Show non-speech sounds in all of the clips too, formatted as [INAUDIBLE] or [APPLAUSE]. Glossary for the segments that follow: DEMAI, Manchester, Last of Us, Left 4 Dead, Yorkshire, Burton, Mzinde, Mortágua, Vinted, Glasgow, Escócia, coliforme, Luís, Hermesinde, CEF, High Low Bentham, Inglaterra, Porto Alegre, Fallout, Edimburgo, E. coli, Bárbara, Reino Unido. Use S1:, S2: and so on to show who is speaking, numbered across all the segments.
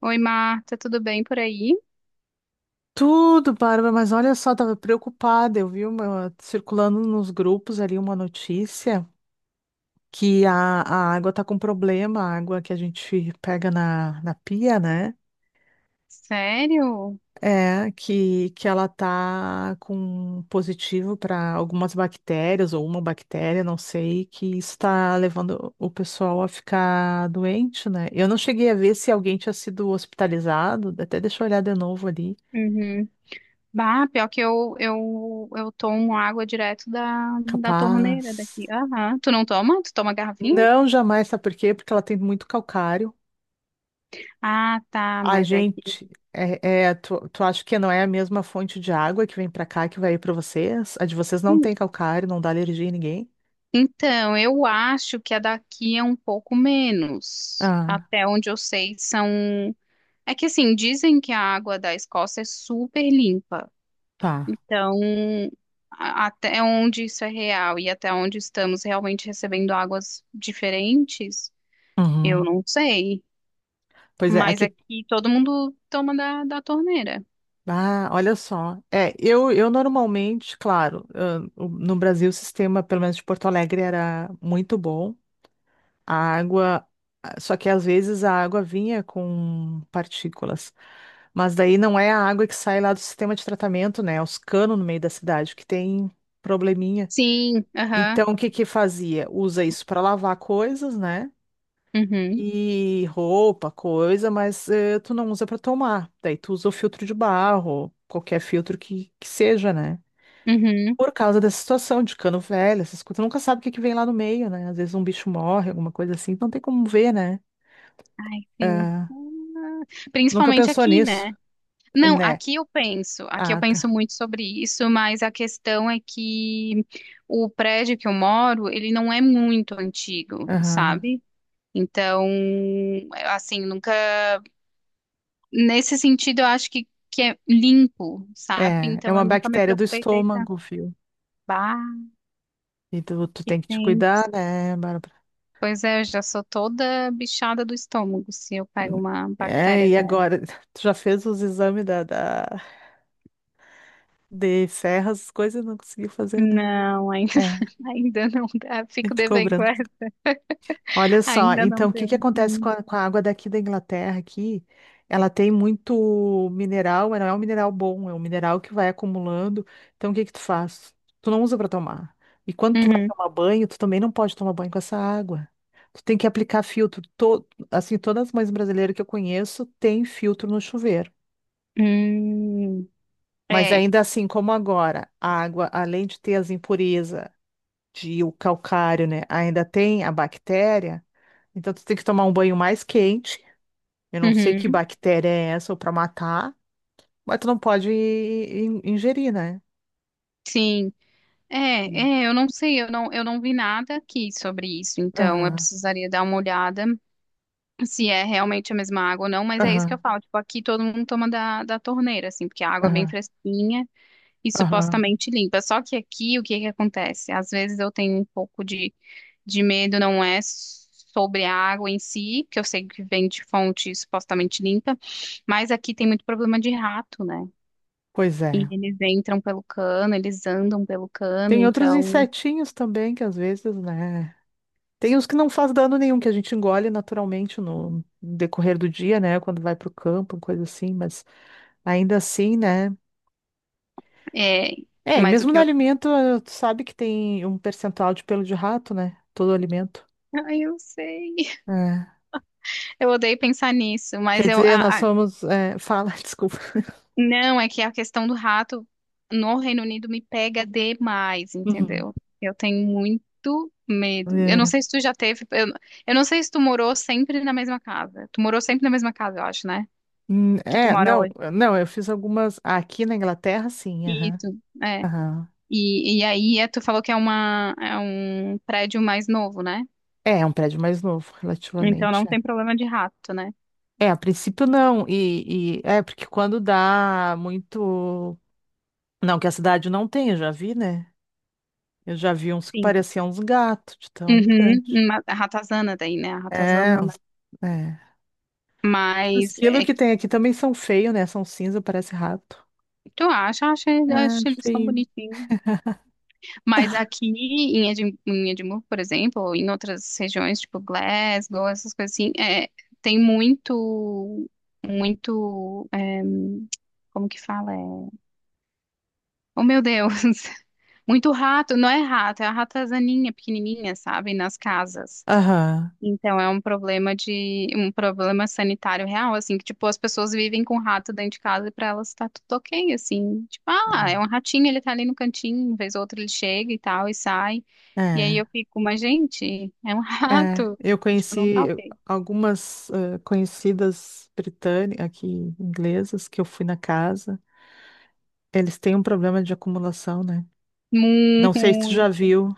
S1: Oi, Marta, tudo bem por aí?
S2: Tudo, Bárbara, mas olha só, tava preocupada. Eu vi uma, circulando nos grupos ali uma notícia que a água tá com problema, a água que a gente pega na pia, né?
S1: Sério?
S2: É, que ela tá com positivo para algumas bactérias ou uma bactéria, não sei, que está levando o pessoal a ficar doente, né? Eu não cheguei a ver se alguém tinha sido hospitalizado, até deixa eu olhar de novo ali.
S1: Uhum. Bah, pior que eu tomo água direto da torneira
S2: Capaz.
S1: daqui. Aham. Tu não toma? Tu toma garrafinha?
S2: Não, jamais, sabe por quê? Porque ela tem muito calcário.
S1: Ah, tá,
S2: A
S1: mas é que.
S2: gente, tu, acha que não é a mesma fonte de água que vem pra cá que vai ir pra vocês? A de vocês não
S1: Hum,
S2: tem calcário, não dá alergia em ninguém?
S1: Então, eu acho que a daqui é um pouco menos.
S2: Ah,
S1: Até onde eu sei, são. É que assim, dizem que a água da Escócia é super limpa.
S2: tá.
S1: Então, até onde isso é real e até onde estamos realmente recebendo águas diferentes, eu
S2: Uhum.
S1: não sei.
S2: Pois é,
S1: Mas
S2: aqui.
S1: aqui todo mundo toma da torneira.
S2: Ah, olha só. É, eu normalmente, claro, no Brasil o sistema, pelo menos de Porto Alegre, era muito bom. A água, só que às vezes a água vinha com partículas. Mas daí não é a água que sai lá do sistema de tratamento, né? Os canos no meio da cidade que tem probleminha.
S1: Sim, aham,
S2: Então, o que que fazia? Usa isso para lavar coisas, né?
S1: uhum,
S2: E roupa, coisa, mas tu não usa para tomar. Daí tu usa o filtro de barro, qualquer filtro que seja, né?
S1: uhum.
S2: Por causa dessa situação de cano velho, essas coisas, tu nunca sabe o que que vem lá no meio, né? Às vezes um bicho morre, alguma coisa assim, não tem como ver, né?
S1: Ai, sim.
S2: Ah,
S1: Ah,
S2: nunca
S1: principalmente
S2: pensou
S1: aqui,
S2: nisso,
S1: né? Não,
S2: né?
S1: aqui eu
S2: Ah,
S1: penso
S2: tá.
S1: muito sobre isso, mas a questão é que o prédio que eu moro, ele não é muito antigo,
S2: Aham.
S1: sabe? Então, assim, nunca nesse sentido, eu acho que é limpo, sabe?
S2: É, é
S1: Então
S2: uma
S1: eu nunca me
S2: bactéria do
S1: preocupei com eita,
S2: estômago, viu?
S1: bah,
S2: E tu,
S1: que
S2: tem que te
S1: tem.
S2: cuidar, né, Bárbara?
S1: Pois é, eu já sou toda bichada do estômago se eu pego uma
S2: É,
S1: bactéria
S2: e
S1: dessa.
S2: agora? [LAUGHS] Tu já fez os exames de serras, coisas e não conseguiu fazer, né?
S1: Não, ainda,
S2: É, a
S1: [LAUGHS] ainda não dá. Fico
S2: gente
S1: devendo
S2: cobrando.
S1: essa. [LAUGHS]
S2: Olha só,
S1: Ainda não
S2: então o que
S1: deu.
S2: que acontece
S1: Hum.
S2: com a água daqui da Inglaterra aqui? Ela tem muito mineral, mas não é um mineral bom, é um mineral que vai acumulando. Então o que que tu faz? Tu não usa para tomar. E quando tu vai
S1: Uhum.
S2: tomar banho, tu também não pode tomar banho com essa água. Tu tem que aplicar filtro. Assim, todas as mães brasileiras que eu conheço têm filtro no chuveiro.
S1: Hum.
S2: Mas
S1: É.
S2: ainda assim, como agora, a água, além de ter as impurezas de o calcário, né, ainda tem a bactéria, então tu tem que tomar um banho mais quente. Eu não sei que
S1: Uhum.
S2: bactéria é essa ou pra matar, mas tu não pode ingerir, né?
S1: Sim. É,
S2: Hum.
S1: é, eu não sei, eu não vi nada aqui sobre isso, então eu
S2: Aham,
S1: precisaria dar uma olhada. Se é realmente a mesma água ou não, mas é isso que
S2: aham,
S1: eu falo. Tipo, aqui todo mundo toma da torneira, assim, porque a água é bem
S2: aham,
S1: fresquinha e
S2: aham.
S1: supostamente limpa. Só que aqui, o que que acontece? Às vezes eu tenho um pouco de medo, não é sobre a água em si, que eu sei que vem de fonte supostamente limpa, mas aqui tem muito problema de rato, né?
S2: Pois
S1: E
S2: é.
S1: eles entram pelo cano, eles andam pelo cano,
S2: Tem outros
S1: então,
S2: insetinhos também que às vezes, né? Tem os que não faz dano nenhum, que a gente engole naturalmente no decorrer do dia, né? Quando vai pro campo, coisa assim, mas ainda assim, né?
S1: é,
S2: É, e
S1: mas o
S2: mesmo no
S1: que eu...
S2: alimento, tu sabe que tem um percentual de pelo de rato, né? Todo alimento.
S1: [LAUGHS] Ai, eu sei.
S2: É.
S1: Eu odeio pensar nisso, mas
S2: Quer dizer, nós somos. Fala, [LAUGHS] desculpa.
S1: não, é que a questão do rato no Reino Unido me pega demais,
S2: Uhum.
S1: entendeu? Eu tenho muito medo. Eu não sei se tu já teve. Eu não sei se tu morou sempre na mesma casa. Tu morou sempre na mesma casa, eu acho, né? Que tu
S2: É,
S1: mora hoje.
S2: não, eu fiz algumas. Aqui na Inglaterra, sim, aham.
S1: Isso, é.
S2: Aham.
S1: E aí, é, tu falou que é, uma, é um prédio mais novo, né?
S2: É, é um prédio mais novo,
S1: Então não
S2: relativamente. É,
S1: tem problema de rato, né?
S2: é, a princípio não. É porque quando dá muito. Não, que a cidade não tem, eu já vi, né? Eu já vi uns que
S1: Sim.
S2: pareciam uns gatos, de tão
S1: Uhum,
S2: grande.
S1: a ratazana daí, né? A
S2: É,
S1: ratazana, né?
S2: uns- é. Os
S1: Mas
S2: esquilos
S1: é
S2: que
S1: que
S2: tem aqui também são feios, né? São cinza, parece rato.
S1: tu acha, acha,
S2: É,
S1: acho
S2: acho
S1: eles tão
S2: feio.
S1: bonitinhos. Mas aqui em em Edimburgo, por exemplo, ou em outras regiões, tipo Glasgow, essas coisas assim, é, tem muito, é, como que fala? É, oh, meu Deus! [LAUGHS] Muito rato, não é rato, é a ratazaninha pequenininha, sabe? Nas casas.
S2: Aham.
S1: Então é um problema de um problema sanitário real, assim, que tipo as pessoas vivem com o rato dentro de casa e para elas tá tudo ok, assim, tipo, ah, é um ratinho, ele tá ali no cantinho, uma vez ou outra ele chega e tal e sai.
S2: É.
S1: E aí eu
S2: É.
S1: fico, mas gente, é um [LAUGHS]
S2: É,
S1: rato.
S2: eu
S1: Tipo,
S2: conheci
S1: não tá
S2: eu-
S1: ok.
S2: algumas conhecidas britânicas, aqui inglesas, que eu fui na casa. Eles têm um problema de acumulação, né? Não
S1: Muito
S2: sei se tu
S1: ruim.
S2: já viu.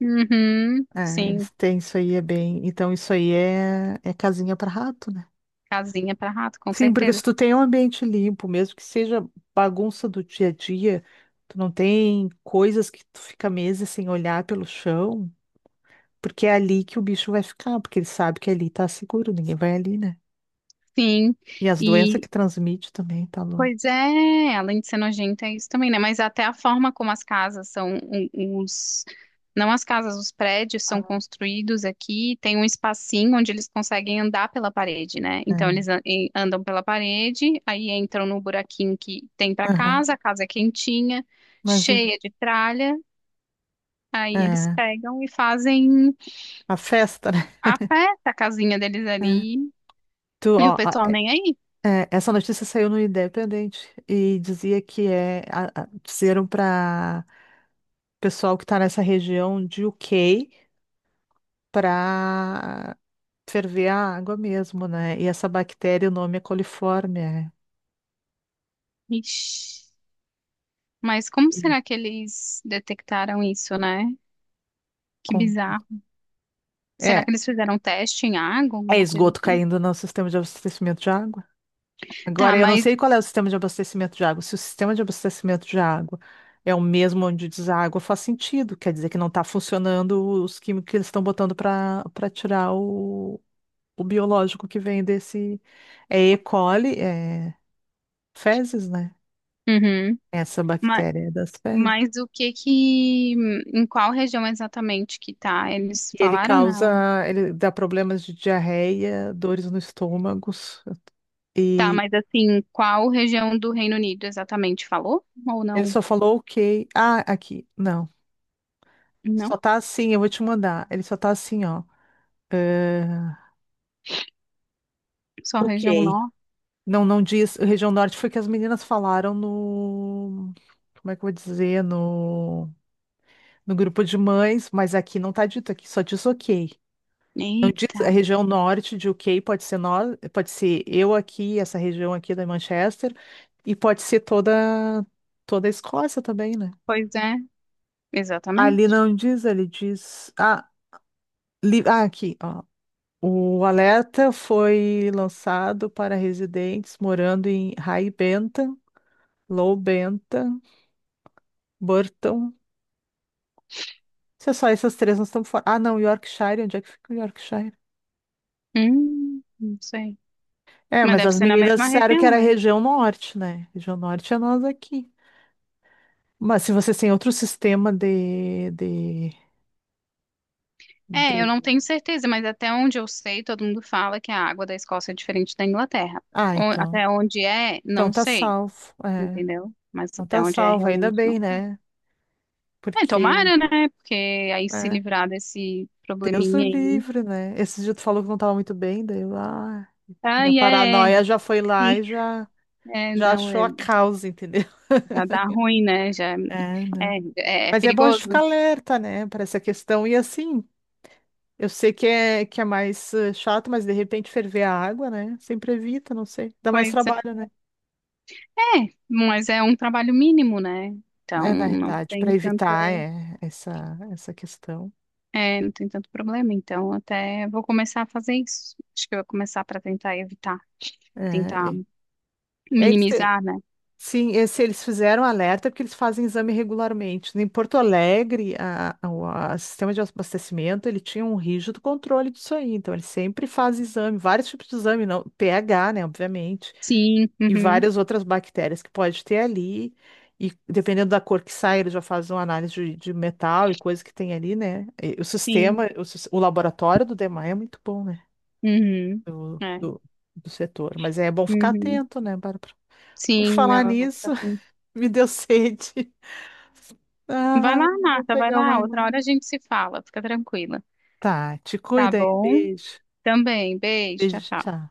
S1: Uhum,
S2: É,
S1: sim,
S2: eles têm isso aí, é bem. Então, isso aí é casinha para rato, né?
S1: casinha para rato, com
S2: Sim, porque se
S1: certeza.
S2: tu tem um ambiente limpo, mesmo que seja bagunça do dia a dia, tu não tem coisas que tu fica meses sem olhar pelo chão, porque é ali que o bicho vai ficar, porque ele sabe que ali tá seguro, ninguém vai ali, né?
S1: Sim.
S2: E as doenças que transmite também, tá louco.
S1: Pois é, além de ser nojenta é isso também, né? Mas até a forma como as casas são, não as casas, os prédios são construídos aqui, tem um espacinho onde eles conseguem andar pela parede, né? Então
S2: É,
S1: andam pela parede, aí entram no buraquinho que tem para
S2: aham,
S1: casa, a casa é quentinha,
S2: imagina.
S1: cheia de tralha, aí eles
S2: É,
S1: pegam e fazem
S2: a festa, né?
S1: a pé a casinha deles
S2: É.
S1: ali,
S2: Tu,
S1: e o
S2: ó, a-
S1: pessoal nem aí.
S2: essa notícia saiu no Independente e dizia que disseram para pessoal que está nessa região de UK para ferver a água mesmo, né? E essa bactéria, o nome é coliforme,
S1: Ixi. Mas como
S2: e
S1: será que eles detectaram isso, né? Que
S2: com,
S1: bizarro. Será
S2: é,
S1: que eles fizeram um teste em água,
S2: é
S1: alguma coisa
S2: esgoto
S1: assim?
S2: caindo no sistema de abastecimento de água.
S1: Tá,
S2: Agora, eu não
S1: mas,
S2: sei qual é o sistema de abastecimento de água. Se o sistema de abastecimento de água é o mesmo onde deságua, faz sentido. Quer dizer que não está funcionando os químicos que eles estão botando para tirar o biológico que vem desse. É E. coli, é fezes, né?
S1: uhum.
S2: Essa
S1: Mas,
S2: bactéria é das fezes.
S1: mas o que que, em qual região exatamente que tá? Eles
S2: E ele
S1: falaram não.
S2: causa, ele dá problemas de diarreia, dores no estômago.
S1: Tá,
S2: E
S1: mas assim, qual região do Reino Unido exatamente falou? Ou
S2: ele
S1: não?
S2: só falou ok. Ah, aqui. Não.
S1: Não?
S2: Só tá assim, eu vou te mandar. Ele só tá assim, ó.
S1: Só região
S2: Ok.
S1: norte?
S2: Não, não diz. Região Norte foi que as meninas falaram no. Como é que eu vou dizer? No, no grupo de mães, mas aqui não tá dito, aqui só diz ok. Não diz
S1: Eita,
S2: a região norte de ok, pode ser nós, pode ser eu aqui, essa região aqui da Manchester, e pode ser toda, toda a Escócia também, né?
S1: pois é,
S2: Ali
S1: exatamente.
S2: não diz, ele diz. Aqui, ó. O alerta foi lançado para residentes morando em High Low Bentham, Burton. Se é só essas três, nós estamos fora. Ah, não, Yorkshire, onde é que fica o Yorkshire?
S1: Não sei.
S2: É,
S1: Mas
S2: mas
S1: deve
S2: as
S1: ser na
S2: meninas
S1: mesma
S2: disseram que
S1: região,
S2: era
S1: né?
S2: região norte, né? Região norte é nós aqui. Mas se vocês têm outro sistema
S1: É, eu não
S2: de-
S1: tenho certeza, mas até onde eu sei, todo mundo fala que a água da Escócia é diferente da Inglaterra.
S2: Ah, então.
S1: Até onde é,
S2: Então
S1: não
S2: tá
S1: sei,
S2: salvo. É,
S1: entendeu? Mas
S2: então
S1: até
S2: tá
S1: onde é,
S2: salvo, ainda
S1: realmente
S2: bem,
S1: não.
S2: né?
S1: É,
S2: Porque,
S1: tomara, né? Porque aí se
S2: é,
S1: livrar desse
S2: Deus o
S1: probleminha aí.
S2: livre, né? Esse dia tu falou que não tava muito bem, daí eu, ah,
S1: Ah,
S2: minha
S1: é, é,
S2: paranoia já foi lá
S1: sim.
S2: e já,
S1: É,
S2: já
S1: não,
S2: achou
S1: é,
S2: a causa, entendeu? [LAUGHS]
S1: já dá ruim, né? Já
S2: É, né?
S1: é, é, é
S2: Mas é bom a gente ficar
S1: perigoso.
S2: alerta, né, para essa questão. E assim, eu sei que é mais chato, mas de repente ferver a água, né? Sempre evita, não sei. Dá mais
S1: Pois é.
S2: trabalho, né?
S1: É, mas é um trabalho mínimo, né? Então,
S2: É, na
S1: não
S2: realidade, para
S1: tem tanto.
S2: evitar é, essa questão.
S1: É, não tem tanto problema, então até vou começar a fazer isso. Acho que eu vou começar para tentar evitar,
S2: É,
S1: tentar
S2: é. É isso que-
S1: minimizar, né?
S2: sim, é, se eles fizeram alerta, é porque eles fazem exame regularmente. Em Porto Alegre, o sistema de abastecimento, ele tinha um rígido controle disso aí. Então, ele sempre faz exame, vários tipos de exame, não, pH, né, obviamente
S1: Sim,
S2: e
S1: uhum,
S2: várias outras bactérias que pode ter ali. E dependendo da cor que sai, eles já fazem uma análise de metal e coisa que tem ali, né? E o
S1: sim,
S2: sistema, o laboratório do DEMAI é muito bom, né?
S1: uhum,
S2: Do,
S1: é,
S2: do, do setor. Mas é bom ficar
S1: uhum.
S2: atento, né, Bárbara? Por
S1: Sim,
S2: falar
S1: não, eu vou ficar
S2: nisso,
S1: assim.
S2: [LAUGHS] me deu sede.
S1: Vai lá,
S2: Ai, vou
S1: Marta, vai
S2: pegar uma
S1: lá, outra hora a
S2: aguinha.
S1: gente se fala, fica tranquila.
S2: Tá, te
S1: Tá
S2: cuida aí.
S1: bom?
S2: Beijo.
S1: Também, beijo, tchau,
S2: Beijo,
S1: tchau.
S2: tchau.